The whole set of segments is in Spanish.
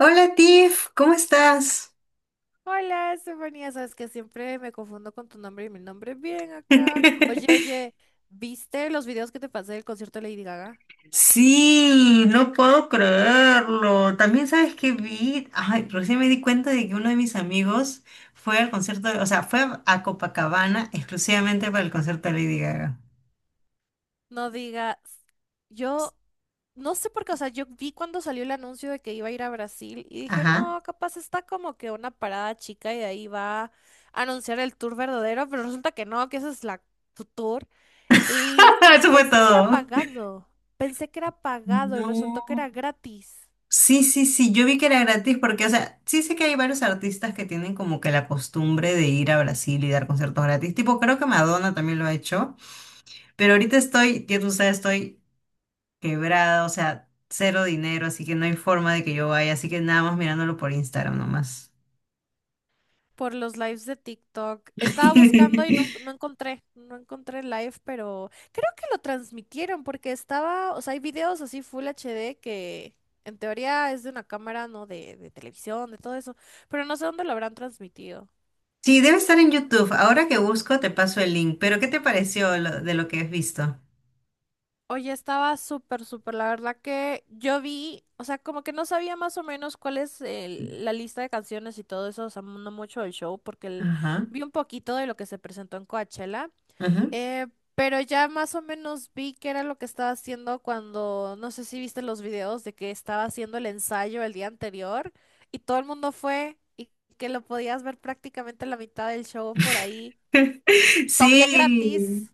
Hola Tiff, ¿cómo estás? Hola, Estefanía, sabes que siempre me confundo con tu nombre y mi nombre es bien acá. Oye, oye, ¿viste los videos que te pasé del concierto de Lady Gaga? Sí, no puedo creerlo. También sabes que vi, ay, recién me di cuenta de que uno de mis amigos fue al concierto, o sea, fue a Copacabana exclusivamente para el concierto de Lady Gaga. No digas, yo no sé por qué, o sea, yo vi cuando salió el anuncio de que iba a ir a Brasil y dije, Ajá. no, capaz está como que una parada chica y de ahí va a anunciar el tour verdadero, pero resulta que no, que esa es la tu tour. Y Eso fue pensé que era todo. pagado, pensé que era pagado y No. resultó que era gratis. Sí, sí, sí, yo vi que era gratis porque, o sea, sí sé que hay varios artistas que tienen como que la costumbre de ir a Brasil y dar conciertos gratis. Tipo, creo que Madonna también lo ha hecho, pero ahorita estoy, ya tú sabes, estoy quebrada, o sea, cero dinero, así que no hay forma de que yo vaya, así que nada más mirándolo por Instagram nomás. Por los lives de TikTok. Estaba buscando y no, no encontré, no encontré live, pero creo que lo transmitieron porque estaba, o sea, hay videos así Full HD que en teoría es de una cámara, ¿no? De televisión, de todo eso, pero no sé dónde lo habrán transmitido. Sí, debe estar en YouTube. Ahora que busco, te paso el link. Pero, ¿qué te pareció de lo que has visto? Oye, estaba súper, súper, la verdad que yo vi, o sea, como que no sabía más o menos cuál es la lista de canciones y todo eso, o sea, no mucho del show, porque Ajá. vi un poquito de lo que se presentó en Coachella. Ajá. Eh, pero ya más o menos vi que era lo que estaba haciendo cuando, no sé si viste los videos de que estaba haciendo el ensayo el día anterior y todo el mundo fue y que lo podías ver prácticamente la mitad del show por ahí. Doble gratis. Sí,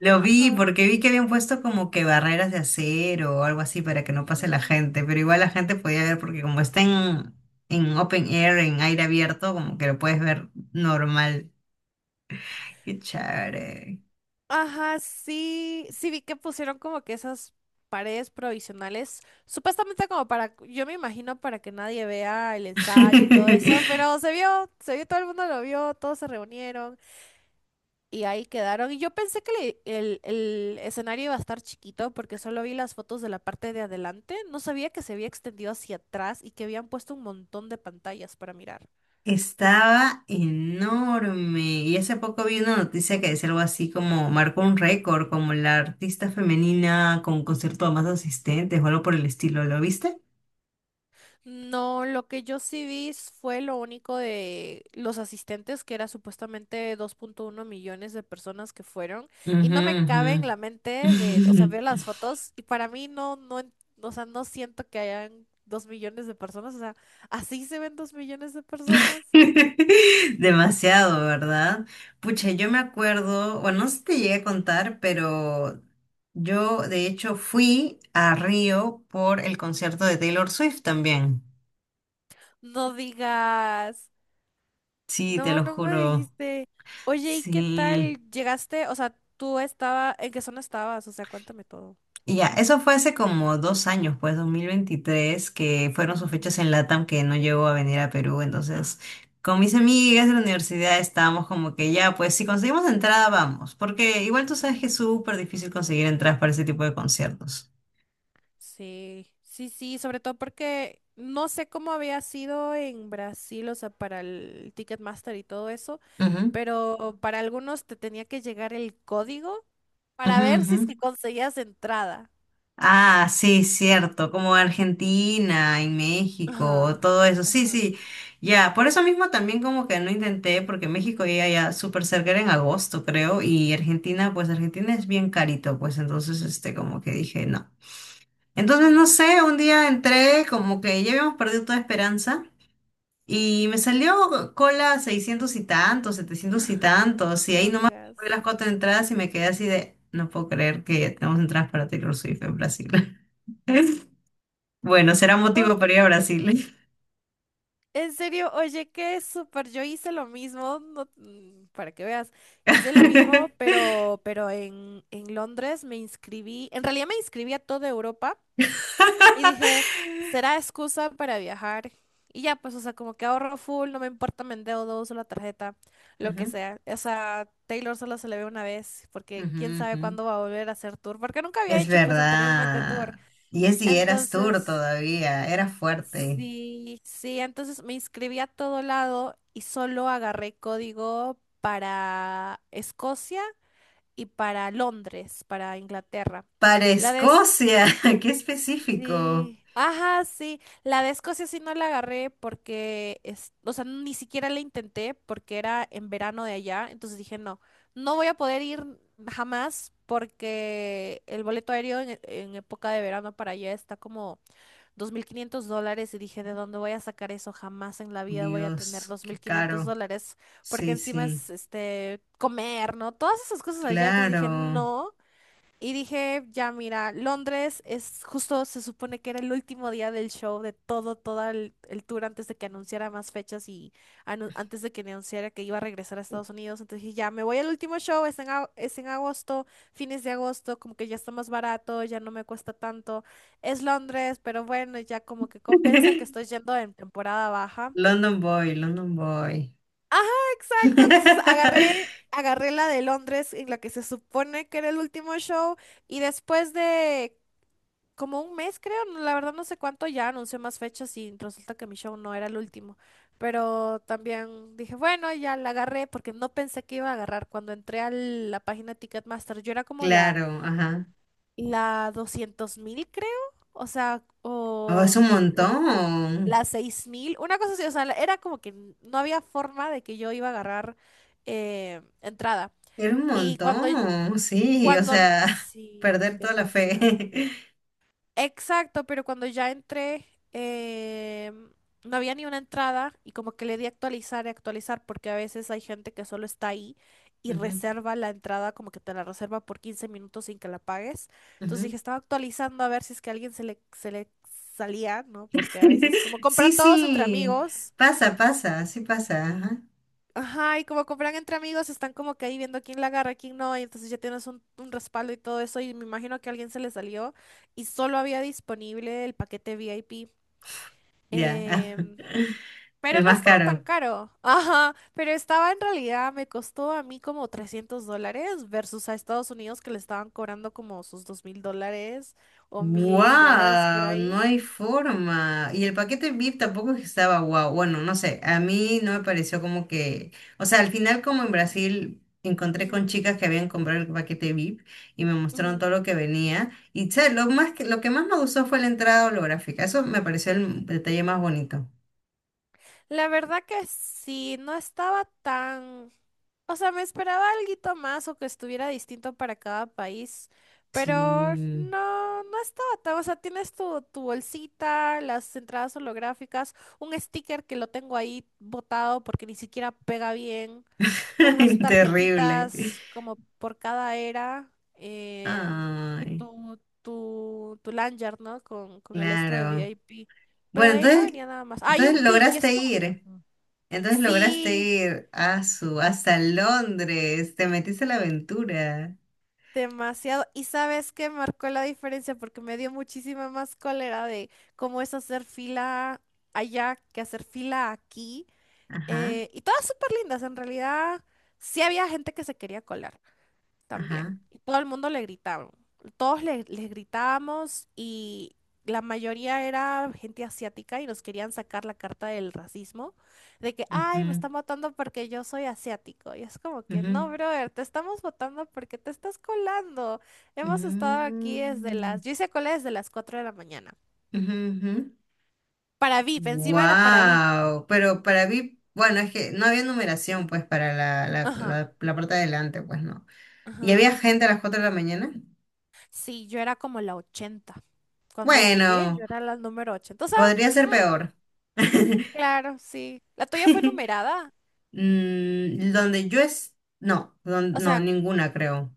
lo vi Ajá. porque vi que habían puesto como que barreras de acero o algo así para que no pase la Ujú. gente, pero igual la gente podía ver porque como está en open air, en aire abierto, como que lo puedes ver normal. Qué chévere. Ajá, sí, sí vi que pusieron como que esas paredes provisionales, supuestamente como para, yo me imagino para que nadie vea el ensayo y todo eso, pero se vio, todo el mundo lo vio, todos se reunieron. Y ahí quedaron. Y yo pensé que el escenario iba a estar chiquito porque solo vi las fotos de la parte de adelante. No sabía que se había extendido hacia atrás y que habían puesto un montón de pantallas para mirar. Estaba enorme. Y hace poco vi una noticia que decía algo así como marcó un récord, como la artista femenina con un concierto de más asistentes o algo por el estilo. ¿Lo viste? No, lo que yo sí vi fue lo único de los asistentes, que era supuestamente 2,1 millones de personas que fueron. Y Ujú, no me cabe en la ujú. mente de, o sea, ver las fotos y para mí no, no, o sea, no siento que hayan 2 millones de personas. O sea, ¿así se ven 2 millones de personas? Demasiado, ¿verdad? Pucha, yo me acuerdo, bueno, no sé si te llegué a contar, pero yo de hecho fui a Río por el concierto de Taylor Swift también. No digas. Sí, te No, lo no me juro. dijiste. Oye, ¿y qué Sí. tal? ¿Llegaste? O sea, tú estaba, ¿en qué zona estabas? O sea, cuéntame todo. Y ya, eso fue hace como 2 años, pues 2023 que fueron sus Ujú, fechas en LATAM que no llegó a venir a Perú. Entonces, con mis amigas de la universidad estábamos como que ya, pues si conseguimos entrada, vamos. Porque igual tú sabes ujú. que es súper difícil conseguir entradas para ese tipo de conciertos. Sí, sí, sí, sobre todo porque no sé cómo había sido en Brasil, o sea, para el Ticketmaster y todo eso, Ujú, pero para algunos te tenía que llegar el código para ujú, ver si ujú. es que conseguías entrada. Ah, sí, cierto, como Argentina y México, Ajá. todo eso, sí, Ajá. sí, ya, por eso mismo también como que no intenté, porque México ya, ya súper cerca era en agosto, creo, y Argentina, pues Argentina es bien carito, pues entonces, este, como que dije, no. Entonces, no Ujú, sé, un día entré, como que ya habíamos perdido toda esperanza, y me salió cola 600 y tantos, 700 y tantos, y no ahí nomás compré digas. las cuatro entradas y me quedé así de, no puedo creer que ya tenemos entradas para Taylor Swift en Brasil. Bueno, será No, motivo para ir a Brasil. en serio, oye, qué súper. Yo hice lo mismo, para que veas. Hice lo mismo, pero en Londres me inscribí. En realidad me inscribí a toda Europa y dije, será excusa para viajar. Y ya, pues, o sea, como que ahorro full, no me importa, me endeudo, uso la tarjeta, lo que Ujú, sea. O sea, Taylor solo se le ve una vez, porque ujú, quién sabe ujú. cuándo va a volver a hacer tour, porque nunca había Es hecho, pues, anteriormente tour. verdad. Y es si eras tour Entonces, todavía, era fuerte. Sí, sí, entonces me inscribí a todo lado y solo agarré código para Escocia y para Londres, para Inglaterra. Para La de Es- Escocia, qué específico. sí, ajá, sí, la de Escocia sí no la agarré porque es, o sea, ni siquiera la intenté porque era en verano de allá, entonces dije, no, no voy a poder ir jamás porque el boleto aéreo en época de verano para allá está como $2500 y dije, ¿de dónde voy a sacar eso? Jamás en la vida voy a tener Dios, dos qué mil quinientos caro. dólares porque Sí, encima sí, es este comer, ¿no? Todas esas cosas allá. Entonces dije, claro. no, y dije, ya mira, Londres es justo, se supone que era el último día del show, de todo, todo el tour antes de que anunciara más fechas y antes de que anunciara que iba a regresar a Estados Unidos. Entonces dije, ya me voy al último show, es en agosto, fines de agosto, como que ya está más barato, ya no me cuesta tanto. Es Londres, pero bueno, ya como que compensa que estoy yendo en temporada baja. London Boy, London Boy. Ajá, exacto. Entonces agarré la de Londres en la que se supone que era el último show. Y después de como un mes, creo, la verdad no sé cuánto ya anuncié más fechas y resulta que mi show no era el último. Pero también dije, bueno, ya la agarré porque no pensé que iba a agarrar. Cuando entré a la página Ticketmaster, yo era como la, Claro, ajá. la 200.000, creo. O sea, Oh, es o un la, montón. la 6000, una cosa así. O sea, era como que no había forma de que yo iba a agarrar entrada. Era un Y cuando, montón, sí, o sea, sí, perder toda la fe. demasiado. Exacto, pero cuando ya entré, em, no había ni una entrada y como que le di a actualizar y actualizar porque a veces hay gente que solo está ahí y Ujú, reserva la entrada, como que te la reserva por 15 minutos sin que la pagues. Entonces ujú. dije, estaba actualizando a ver si es que a alguien se le salía, ¿no? Porque a veces como Sí, compran todos entre sí, amigos. pasa, pasa, sí pasa, ajá, Ajá, y como compran entre amigos, están como que ahí viendo quién la agarra, quién no, y entonces ya tienes un respaldo y todo eso, y me imagino que a alguien se le salió y solo había disponible el paquete VIP. ya, Em, pero el no más estaba tan caro. caro. Ajá, pero estaba en realidad, me costó a mí como $300 versus a Estados Unidos que le estaban cobrando como sus $2000 o $1000 por Wow, no ahí. hay forma. Y el paquete VIP tampoco es que estaba wow. Bueno, no sé, a mí no me pareció como que, o sea, al final como en Brasil encontré con Ujú, chicas que habían comprado el paquete VIP y me mostraron ujú. todo lo que venía y ¿sabes? Lo más que lo que más me gustó fue la entrada holográfica. Eso me pareció el detalle más bonito. La verdad que sí, no estaba tan... O sea, me esperaba alguito más o que estuviera distinto para cada país, pero Sí. no, no estaba tan, o sea, tienes tu bolsita, las entradas holográficas, un sticker que lo tengo ahí botado porque ni siquiera pega bien, unas Terrible. tarjetitas como por cada era, y Ay, tu lanyard, ¿no? Con el esto de claro. VIP. Pero Bueno, de ahí no entonces venía nada más. Hay un entonces pin y es lograste como que... ir. mm. Entonces lograste Sí, ir a su, hasta Londres, te metiste a la aventura. demasiado. ¿Y sabes qué marcó la diferencia? Porque me dio muchísima más cólera de cómo es hacer fila allá que hacer fila aquí. Ajá, Y todas súper lindas. En realidad, sí había gente que se quería colar también. ajá. Y todo el mundo le gritaban. Todos les gritábamos y la mayoría era gente asiática y nos querían sacar la carta del racismo, de que, ay, me Ujú, están votando porque yo soy asiático. Y es como que, no, ujú, brother, te estamos votando porque te estás colando. Hemos estado aquí desde mm, las, yo hice cola desde las 4 de la mañana. ujú, ujú. Para VIP, encima era para VIP. Wow, pero para mí, bueno, es que no había numeración pues para la, la, Ajá, la, la parte de adelante, pues no. ¿Y ajá. había gente a las 4 de la mañana? Sí, yo era como la 80. Cuando llegué, yo Bueno, era la número 80. O sea, podría ser mm, peor. claro, sí. ¿La tuya fue numerada? Mm, donde yo es... No, O no, sea, ninguna creo.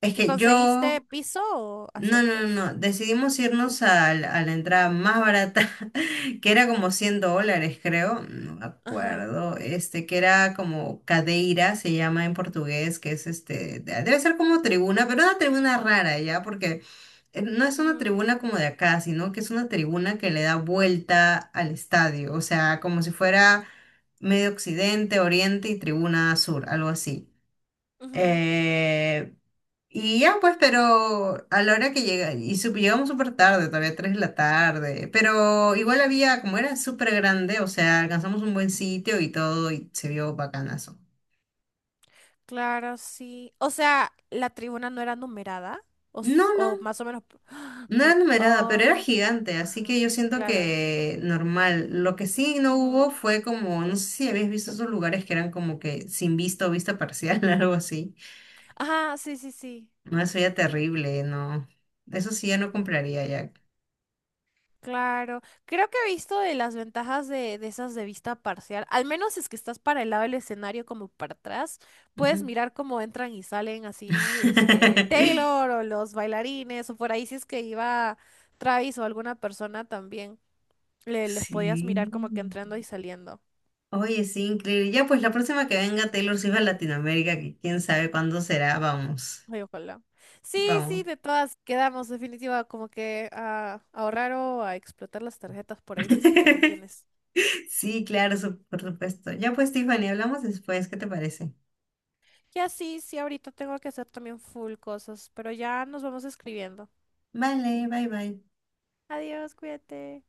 Es ¿y que conseguiste yo. piso o No, no, no, asientos? no. Decidimos irnos a, la entrada más barata, que era como 100 dólares, creo. No me Ajá. acuerdo. Este, que era como cadeira, se llama en portugués, que es este, debe ser como tribuna, pero una tribuna rara, ¿ya? Porque no es una Ujú, tribuna como de acá, sino que es una tribuna que le da vuelta al estadio. O sea, como si fuera medio occidente, oriente y tribuna sur, algo así. ujú. Eh, y ya pues, pero a la hora que llega, y llegamos súper tarde, todavía 3 de la tarde, pero igual había, como era súper grande, o sea, alcanzamos un buen sitio y todo, y se vio bacanazo. Claro, sí. O sea, ¿la tribuna no era numerada? O, No, no, o más o menos... no era No. numerada, pero era Ay, gigante, así que ajá. yo siento Claro. que normal. Lo que sí no Ujú. hubo fue como, no sé si habéis visto esos lugares que eran como que sin vista o vista parcial, algo así. Ajá, sí, sí, sí. No, eso ya terrible, no. Eso sí ya no compraría ya. Claro, creo que he visto de las ventajas de, esas de vista parcial, al menos si es que estás para el lado del escenario como para atrás, puedes Ujú. mirar cómo entran y salen así, este, Taylor o los bailarines o por ahí si es que iba Travis o alguna persona también, les podías mirar Sí. como que entrando y saliendo. Oye, sí, increíble. Ya, pues la próxima que venga Taylor Swift a Latinoamérica, que quién sabe cuándo será, vamos. Ay, ojalá. Sí, sí, Vamos. de todas quedamos definitiva como que a ahorrar o a explotar las tarjetas por ahí si es que también tienes. Sí, claro, por supuesto. Ya, pues, Tiffany, hablamos después, ¿qué te parece? Y así, sí, ahorita tengo que hacer también full cosas, pero ya nos vamos escribiendo. Vale, bye bye. Adiós, cuídate.